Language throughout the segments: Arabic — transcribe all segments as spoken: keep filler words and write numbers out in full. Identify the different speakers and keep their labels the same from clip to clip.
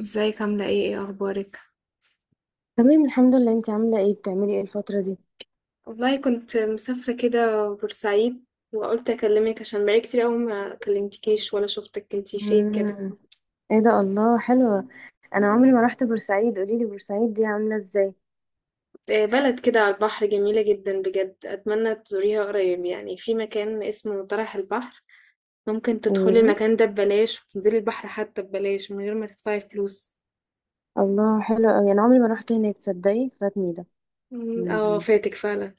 Speaker 1: ازيك؟ عاملة ايه؟ ايه اخبارك؟
Speaker 2: تمام الحمد لله، انت عامله ايه؟ بتعملي ايه الفتره دي؟
Speaker 1: والله كنت مسافرة كده بورسعيد، وقلت اكلمك عشان بقالي كتير قوي ما كلمتكيش ولا شفتك. كنتي فين كده؟
Speaker 2: مم. ايه ده، الله حلوه. انا عمري ما رحت بورسعيد، قولي لي بورسعيد دي عامله ازاي؟
Speaker 1: آه، بلد كده على البحر، جميلة جدا بجد. اتمنى تزوريها قريب. يعني في مكان اسمه طرح البحر، ممكن تدخلي
Speaker 2: مم.
Speaker 1: المكان ده ببلاش وتنزلي البحر حتى ببلاش من غير ما تدفعي فلوس.
Speaker 2: الله، حلو قوي، انا عمري ما رحت هناك، تصدقي فاتني ده.
Speaker 1: مم، اه
Speaker 2: مم.
Speaker 1: فاتك فعلا.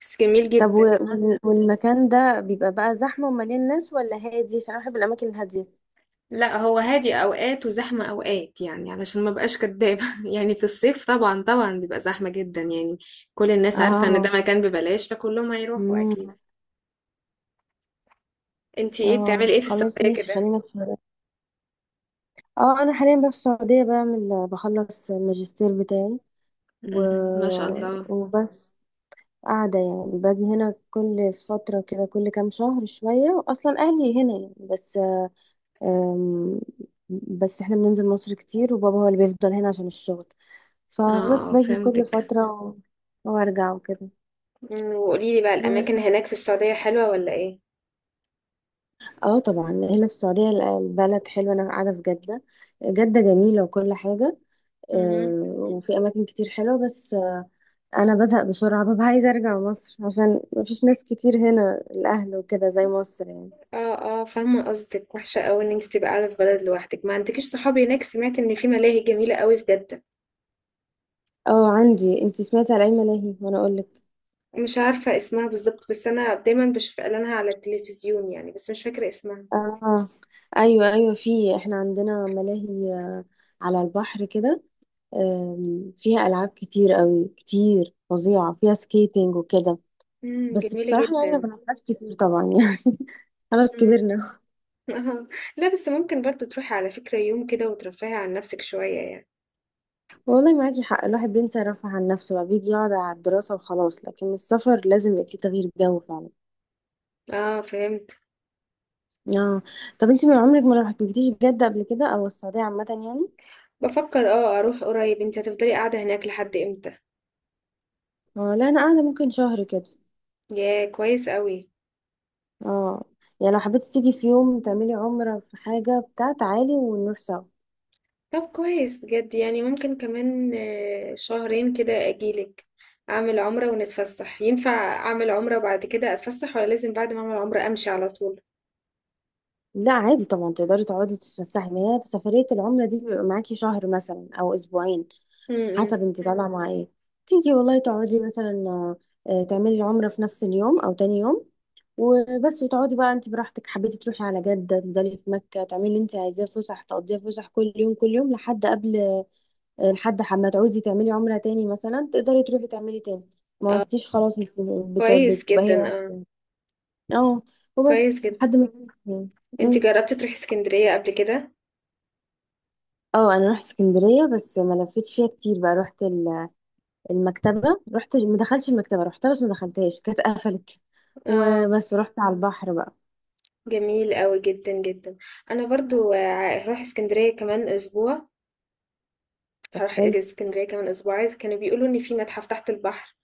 Speaker 1: بس جميل
Speaker 2: طب و...
Speaker 1: جدا.
Speaker 2: وال- والمكان ده بيبقى بقى زحمه ومليان ناس ولا هادي؟ عشان انا بحب الاماكن الهاديه.
Speaker 1: لا، هو هادي اوقات وزحمه اوقات، يعني علشان ما بقاش كدابه يعني في الصيف طبعا طبعا بيبقى زحمه جدا يعني. كل الناس عارفه ان ده
Speaker 2: اه.
Speaker 1: مكان ببلاش، فكلهم هيروحوا
Speaker 2: مم.
Speaker 1: اكيد. انتي ايه
Speaker 2: اه
Speaker 1: بتعملي ايه في
Speaker 2: خلاص
Speaker 1: السعوديه
Speaker 2: ماشي،
Speaker 1: كده؟
Speaker 2: خلينا في، اه انا حاليا بقى في السعوديه بعمل بخلص الماجستير بتاعي و...
Speaker 1: أمم، ما شاء الله.
Speaker 2: وبس. قاعدة يعني، باجي هنا كل فترة كده، كل كام شهر شوية، أصلا أهلي هنا يعني، بس أم، بس احنا بننزل مصر كتير، وبابا هو اللي بيفضل هنا عشان الشغل، فبس
Speaker 1: اه
Speaker 2: باجي كل
Speaker 1: فهمتك.
Speaker 2: فترة و- وارجع وكده.
Speaker 1: أمم، وقوليلي بقى الاماكن
Speaker 2: و-
Speaker 1: هناك في السعوديه حلوه ولا ايه؟
Speaker 2: اه طبعا هنا في السعودية ال- البلد حلوة، أنا قاعدة في جدة. جدة جميلة وكل حاجة.
Speaker 1: مهم.
Speaker 2: أه، وفي أماكن كتير حلوة، بس أه، أنا بزهق بسرعة، ببقى عايزة أرجع مصر، عشان مفيش ناس كتير هنا، الأهل وكده زي مصر يعني.
Speaker 1: اه اه، فاهمه قصدك. وحشه قوي ان انت تبقى قاعده في بلد لوحدك ما عندكيش صحابي. هناك سمعت ان في ملاهي جميله قوي في جده.
Speaker 2: اه عندي، انتي سمعتي على اي ملاهي وانا اقولك؟
Speaker 1: مش عارفة اسمها بالظبط، بس أنا دايما بشوف إعلانها على التلفزيون يعني، بس مش فاكرة اسمها.
Speaker 2: اه ايوه ايوه، في، احنا عندنا ملاهي، آه، على البحر كده. آم، فيها العاب كتير قوي، كتير فظيعه، فيها سكيتنج وكده.
Speaker 1: امم،
Speaker 2: بس
Speaker 1: جميلة
Speaker 2: بصراحه يعني ما
Speaker 1: جدا.
Speaker 2: بنلعبش كتير طبعا يعني خلاص
Speaker 1: امم.
Speaker 2: كبرنا.
Speaker 1: لا، بس ممكن برضو تروحي على فكرة يوم كده وترفهي عن نفسك شوية يعني.
Speaker 2: والله معاكي حق، الواحد بينسى يرفه عن نفسه بقى، بيجي يقعد على الدراسه وخلاص، لكن السفر لازم يبقى فيه تغيير جو فعلا.
Speaker 1: اه فهمت.
Speaker 2: اه. طب انتي من عمرك ما رحتيش جده قبل كده او السعوديه عامه يعني؟
Speaker 1: بفكر اه اروح قريب. انت هتفضلي قاعدة هناك لحد امتى؟
Speaker 2: آه، لا انا قاعده ممكن شهر كده.
Speaker 1: يا كويس قوي.
Speaker 2: اه يعني لو حبيتي تيجي في يوم تعملي عمرة في حاجة بتاع، تعالي ونروح سوا.
Speaker 1: طب كويس بجد. يعني ممكن كمان آه، شهرين كده اجيلك. اعمل عمرة ونتفسح. ينفع اعمل عمرة بعد كده اتفسح، ولا لازم بعد ما اعمل عمرة امشي على طول؟
Speaker 2: لا عادي طبعا، تقدري تقعدي تتفسحي، ما هي في سفرية العمرة دي بيبقى معاكي شهر مثلا أو أسبوعين،
Speaker 1: امم.
Speaker 2: حسب انت طالعة مع ايه. تيجي والله تقعدي مثلا آه، آه، تعملي العمرة في نفس اليوم أو تاني يوم وبس، وتقعدي بقى انت براحتك، حبيتي تروحي على جدة تفضلي، في مكة تعملي اللي انت عايزاه، فسح تقضيها فسح كل يوم كل يوم لحد قبل، لحد ما تعوزي تعملي عمرة تاني مثلا تقدري تروحي تعملي تاني. ما عرفتيش خلاص، مش بت-
Speaker 1: كويس
Speaker 2: بتبقى
Speaker 1: جدا
Speaker 2: هي
Speaker 1: اه.
Speaker 2: واحدة. اه
Speaker 1: كويس
Speaker 2: وبس
Speaker 1: جدا.
Speaker 2: لحد ما تسيبي يعني.
Speaker 1: انت
Speaker 2: أمم.
Speaker 1: جربتي تروحي اسكندرية قبل كده؟
Speaker 2: اه انا رحت اسكندريه، بس ما لفتش فيها كتير بقى، رحت ال- المكتبه، رحت ما دخلتش المكتبه، رحتها بس ما دخلتهاش، كانت قفلت.
Speaker 1: اه
Speaker 2: وبس رحت على البحر بقى.
Speaker 1: جميل قوي جدا جدا. انا برضو آه، هروح اسكندرية كمان اسبوع.
Speaker 2: طب
Speaker 1: هروح
Speaker 2: حلو.
Speaker 1: اسكندرية كمان اسبوع، عايز. كانوا بيقولوا ان في متحف تحت البحر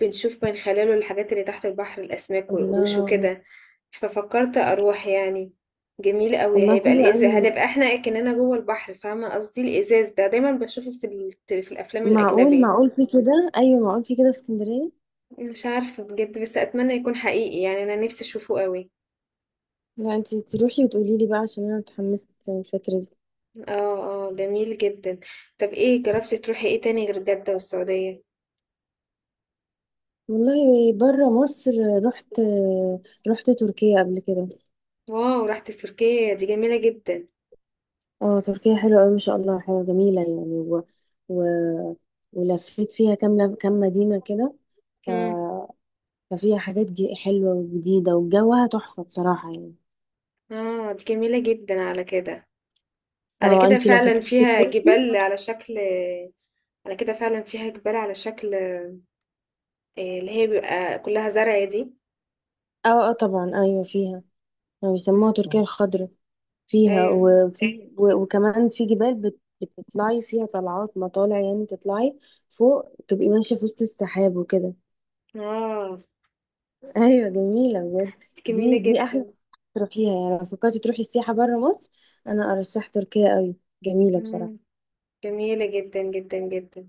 Speaker 1: بنشوف من خلاله الحاجات اللي تحت البحر، الاسماك والقروش
Speaker 2: الله،
Speaker 1: وكده. ففكرت اروح يعني. جميل قوي.
Speaker 2: والله
Speaker 1: هيبقى
Speaker 2: حلو
Speaker 1: الازاز
Speaker 2: قوي.
Speaker 1: هنبقى احنا كأننا جوه البحر، فاهمة قصدي؟ الازاز ده دايما بشوفه في ال... في الافلام
Speaker 2: معقول،
Speaker 1: الاجنبية.
Speaker 2: معقول في كده، ايوه معقول في كده في اسكندريه.
Speaker 1: مش عارفة بجد، بس أتمنى يكون حقيقي يعني. أنا نفسي أشوفه قوي.
Speaker 2: لا انت تروحي وتقولي لي بقى عشان انا متحمسه الفكره دي.
Speaker 1: اه اه، جميل جدا. طب ايه، جربتي تروحي ايه تاني غير جدة والسعودية؟
Speaker 2: والله بره مصر، رحت، رحت تركيا قبل كده.
Speaker 1: واو، رحتي تركيا؟ دي جميلة جدا.
Speaker 2: اه تركيا حلوة أوي ما شاء الله، حلوة جميلة يعني و... و... ولفيت فيها كام كام مدينة كده. ف...
Speaker 1: مم.
Speaker 2: ففيها حاجات ج- حلوة وجديدة، وجوها تحفة بصراحة يعني.
Speaker 1: اه دي جميلة جدا على كده. على
Speaker 2: اه
Speaker 1: كده
Speaker 2: انتي لو
Speaker 1: فعلا
Speaker 2: فكرتي
Speaker 1: فيها
Speaker 2: تروحي.
Speaker 1: جبال على شكل. على كده فعلا فيها جبال على شكل آه، اللي هي بيبقى كلها زرع دي.
Speaker 2: اه اه طبعا ايوه فيها، يعني بيسموها
Speaker 1: مم.
Speaker 2: تركيا الخضراء، فيها
Speaker 1: ايوه.
Speaker 2: وفي و... وكمان في جبال بت... بتطلعي فيها طلعات مطالع، يعني تطلعي فوق تبقي ماشية في وسط السحاب وكده.
Speaker 1: اه
Speaker 2: ايوه جميله بجد.
Speaker 1: دي جميلة
Speaker 2: دي دي احلى
Speaker 1: جدا.
Speaker 2: سياحة تروحيها، يعني لو فكرتي تروحي السياحه بره مصر انا ارشح تركيا قوي، جميله
Speaker 1: مم.
Speaker 2: بصراحه.
Speaker 1: جميلة جدا جدا جدا.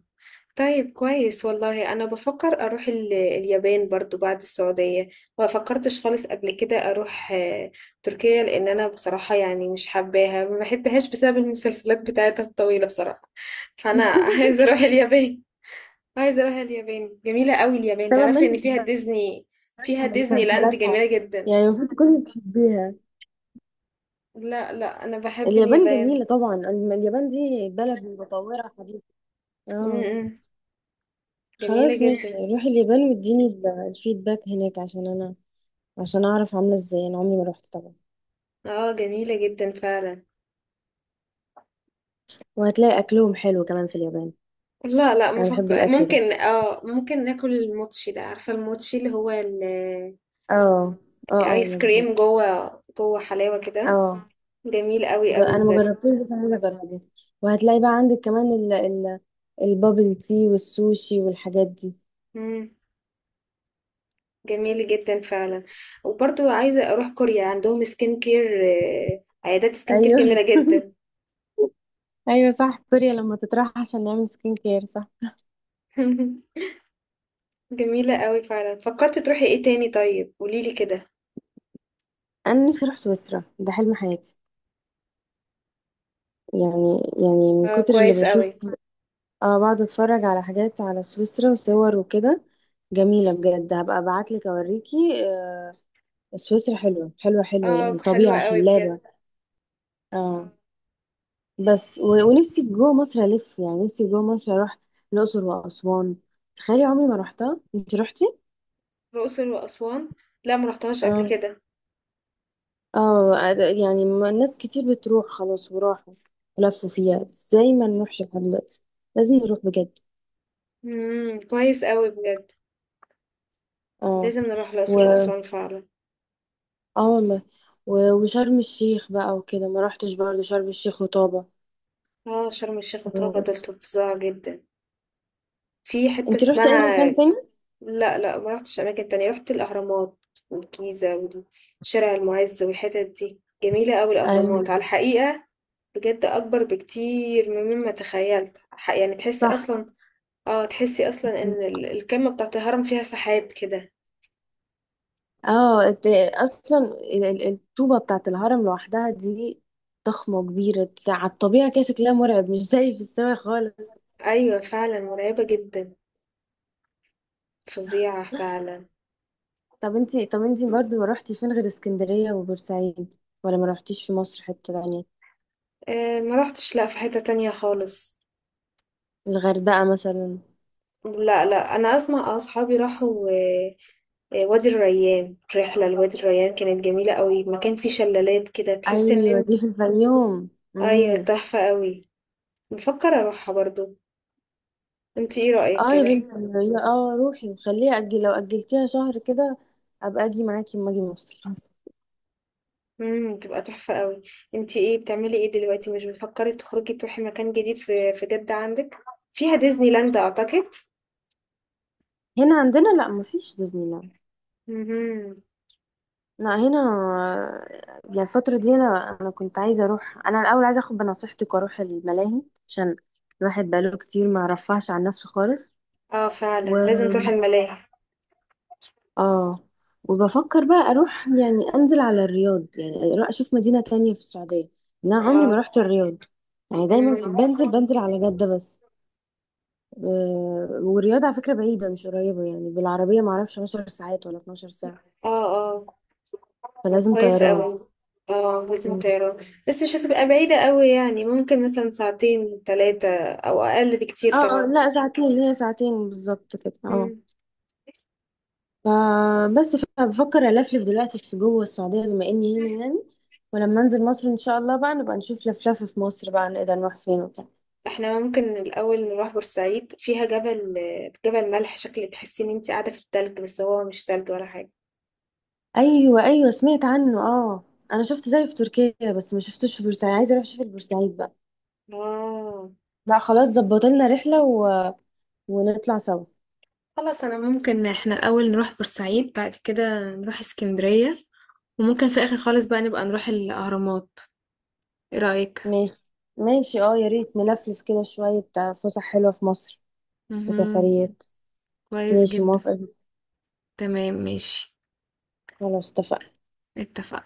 Speaker 1: طيب، كويس والله. انا بفكر اروح ال- اليابان برضو بعد السعودية. ما فكرتش خالص قبل كده اروح آه، تركيا، لان انا بصراحة يعني مش حباها، ما بحبهاش بسبب المسلسلات بتاعتها الطويلة بصراحة. فانا عايزة اروح اليابان. عايزة اروح اليابان. جميلة قوي اليابان.
Speaker 2: طبعا ما
Speaker 1: تعرفي
Speaker 2: انت
Speaker 1: ان فيها
Speaker 2: بتتفرجي
Speaker 1: ديزني؟ فيها
Speaker 2: على
Speaker 1: ديزني لاند،
Speaker 2: مسلسلاتها،
Speaker 1: جميلة جدا.
Speaker 2: يعني المفروض تكوني بتحبيها.
Speaker 1: لا لا، انا بحب
Speaker 2: اليابان
Speaker 1: اليابان.
Speaker 2: جميله طبعا، الم- اليابان دي بلد متطوره حديثه.
Speaker 1: م-
Speaker 2: اه
Speaker 1: م. جميلة
Speaker 2: خلاص ماشي،
Speaker 1: جدا.
Speaker 2: روحي اليابان واديني ال- الفيدباك هناك، عشان انا عشان اعرف عامله ازاي، انا عمري ما روحت طبعا.
Speaker 1: اه جميلة جدا فعلا.
Speaker 2: وهتلاقي اكلهم حلو كمان في اليابان.
Speaker 1: لا لا،
Speaker 2: انا
Speaker 1: مفك...
Speaker 2: بحب الاكل ده.
Speaker 1: ممكن اه ممكن ناكل الموتشي ده. عارفة الموتشي اللي هو ال-
Speaker 2: اه اه اه
Speaker 1: الايس كريم،
Speaker 2: مظبوط.
Speaker 1: جوه جوه حلاوة كده.
Speaker 2: اه
Speaker 1: جميل قوي
Speaker 2: ج-
Speaker 1: قوي
Speaker 2: انا ما
Speaker 1: بجد.
Speaker 2: جربتوش بس انا عايزه اجربه. وهتلاقي بقى عندك كمان ال ال البابل تي والسوشي والحاجات دي.
Speaker 1: مم. جميل جدا فعلا. وبرضو عايزة اروح كوريا، عندهم سكين كير، آه، عيادات سكين كير
Speaker 2: ايوه.
Speaker 1: جميلة جدا.
Speaker 2: ايوه صح، كوريا لما تطرح عشان نعمل سكين كير، صح.
Speaker 1: جميلة قوي فعلا. فكرت تروحي ايه تاني؟ طيب قوليلي كده.
Speaker 2: انا نفسي اروح سويسرا، ده حلم حياتي، يعني يعني من
Speaker 1: اه
Speaker 2: كتر اللي
Speaker 1: كويس قوي.
Speaker 2: بشوف، اه بقعد اتفرج على حاجات على سويسرا وصور وكده. جميله بجد، هبقى ابعت لك اوريكي. آه، سويسرا حلوه حلوه حلوه،
Speaker 1: اه
Speaker 2: يعني
Speaker 1: حلوة
Speaker 2: طبيعه
Speaker 1: قوي بجد.
Speaker 2: خلابه. اه.
Speaker 1: آه،
Speaker 2: بس و... ونفسي جوه مصر الف، يعني نفسي جوه مصر اروح الاقصر واسوان، تخيلي عمري ما رحتها، انت رحتي؟
Speaker 1: الأقصر وأسوان. لا، مرحتهاش قبل
Speaker 2: اه
Speaker 1: كده.
Speaker 2: اه أد- يعني ما- ناس كتير بتروح خلاص وراحوا ولفوا فيها، ازاي ما نروحش لحد دلوقتي؟ لازم نروح بجد.
Speaker 1: مم. كويس قوي بجد.
Speaker 2: اه.
Speaker 1: لازم نروح
Speaker 2: و
Speaker 1: الأقصر وأسوان فعلا.
Speaker 2: اه والله و... وشرم الشيخ بقى وكده ما رحتش برضه، شرم الشيخ وطابة.
Speaker 1: اه شرم الشيخ وطابة
Speaker 2: آه.
Speaker 1: دول فظاع جدا. في حتة
Speaker 2: انت رحتي اي
Speaker 1: اسمها.
Speaker 2: مكان تاني؟
Speaker 1: لا لا، ما رحتش أماكن تانية. رحت الأهرامات والجيزة وشارع المعز، والحتت دي جميلة أوي.
Speaker 2: ايوه
Speaker 1: الأهرامات على الحقيقة بجد أكبر بكتير مما تخيلت. ح- يعني تحسي
Speaker 2: صح.
Speaker 1: أصلا. اه تحسي أصلا إن ال- الكمة بتاعت الهرم فيها سحاب كده.
Speaker 2: اه انت، اصلا ال- ال- الطوبه بتاعت الهرم لوحدها دي ضخمه كبيره على الطبيعه كده، شكلها مرعب، مش زي في السماء خالص.
Speaker 1: أيوة فعلا مرعبة جدا. فظيعة فعلا.
Speaker 2: طب انت، طب انت برضو رحتي فين غير اسكندريه وبورسعيد؟ ولا ما رحتيش في مصر حته تانية؟
Speaker 1: آه، ما رحتش لا في حتة تانية خالص.
Speaker 2: الغردقه مثلا.
Speaker 1: لا لا، انا اسمع آه، اصحابي راحوا آه، آه، وادي الريان. رحله لوادي الريان كانت جميله قوي، مكان فيه شلالات كده تحس ان
Speaker 2: ايوه
Speaker 1: انت.
Speaker 2: دي في الفيوم.
Speaker 1: ايوه
Speaker 2: امم.
Speaker 1: تحفه قوي. بفكر اروحها برضو. انت ايه رايك
Speaker 2: اه يا
Speaker 1: كده؟
Speaker 2: بنتي هي- اه روحي وخليها اجل، لو اجلتيها شهر كده ابقى اجي معاكي اما اجي مصر.
Speaker 1: امم، تبقى تحفه قوي. انت ايه بتعملي ايه دلوقتي؟ مش بتفكري تخرجي تروحي مكان جديد في في جده عندك؟ فيها ديزني لاند اعتقد.
Speaker 2: هنا عندنا لا مفيش ديزني لاند.
Speaker 1: امم.
Speaker 2: لا هنا يعني الفترة دي، أنا أنا كنت عايزة أروح، أنا الأول عايزة أخد بنصيحتك وأروح الملاهي عشان الواحد بقاله كتير ما رفعش عن نفسه خالص.
Speaker 1: اه فعلا
Speaker 2: و
Speaker 1: لازم تروحي
Speaker 2: تمام.
Speaker 1: الملاهي.
Speaker 2: آه. وبفكر بقى أروح يعني أنزل على الرياض، يعني أروح أشوف مدينة تانية في السعودية، أنا عمري ما
Speaker 1: اه.
Speaker 2: رحت الرياض، يعني دايما في
Speaker 1: مم.
Speaker 2: بنزل بنزل على جدة بس. آه، والرياض على فكرة بعيدة مش قريبة، يعني بالعربية معرفش عشر ساعات ولا اتناشر ساعة،
Speaker 1: اه آه.
Speaker 2: فلازم
Speaker 1: كويس
Speaker 2: طيران.
Speaker 1: قوي. اه لازم طيران. بس مش هتبقى بعيدة قوي، يعني ممكن مثلا ساعتين ثلاثة، او اقل بكتير
Speaker 2: اه آه،
Speaker 1: طبعا.
Speaker 2: لا ساعتين، هي ساعتين بالظبط كده اه.
Speaker 1: مم.
Speaker 2: فبس بفكر الفلف دلوقتي في جوه السعوديه بما اني هنا يعني، ولما انزل مصر ان شاء الله بقى نبقى نشوف لفلفه في مصر بقى، نقدر نروح فين وكده.
Speaker 1: احنا ممكن الاول نروح بورسعيد. فيها جبل، جبل ملح شكل تحسي ان انت قاعدة في التلج، بس هو مش تلج ولا حاجة.
Speaker 2: ايوه ايوه سمعت عنه اه، انا شفت زيه في تركيا بس ما شفتوش في بورسعيد، عايزه اروح اشوف البورسعيد بقى.
Speaker 1: اه
Speaker 2: لا خلاص، ظبط لنا رحله و... ونطلع سوا.
Speaker 1: خلاص. انا ممكن احنا الاول نروح بورسعيد، بعد كده نروح اسكندرية، وممكن في اخر خالص بقى نبقى نروح الاهرامات. ايه رأيك؟
Speaker 2: ماشي، ماشي اه، يا ريت نلفلف كده شويه بتاع فسح حلوه في مصر
Speaker 1: مهم.
Speaker 2: وسفريات.
Speaker 1: كويس
Speaker 2: ماشي
Speaker 1: جدا.
Speaker 2: موافقه.
Speaker 1: تمام ماشي.
Speaker 2: خلاص اتفقنا.
Speaker 1: اتفقنا.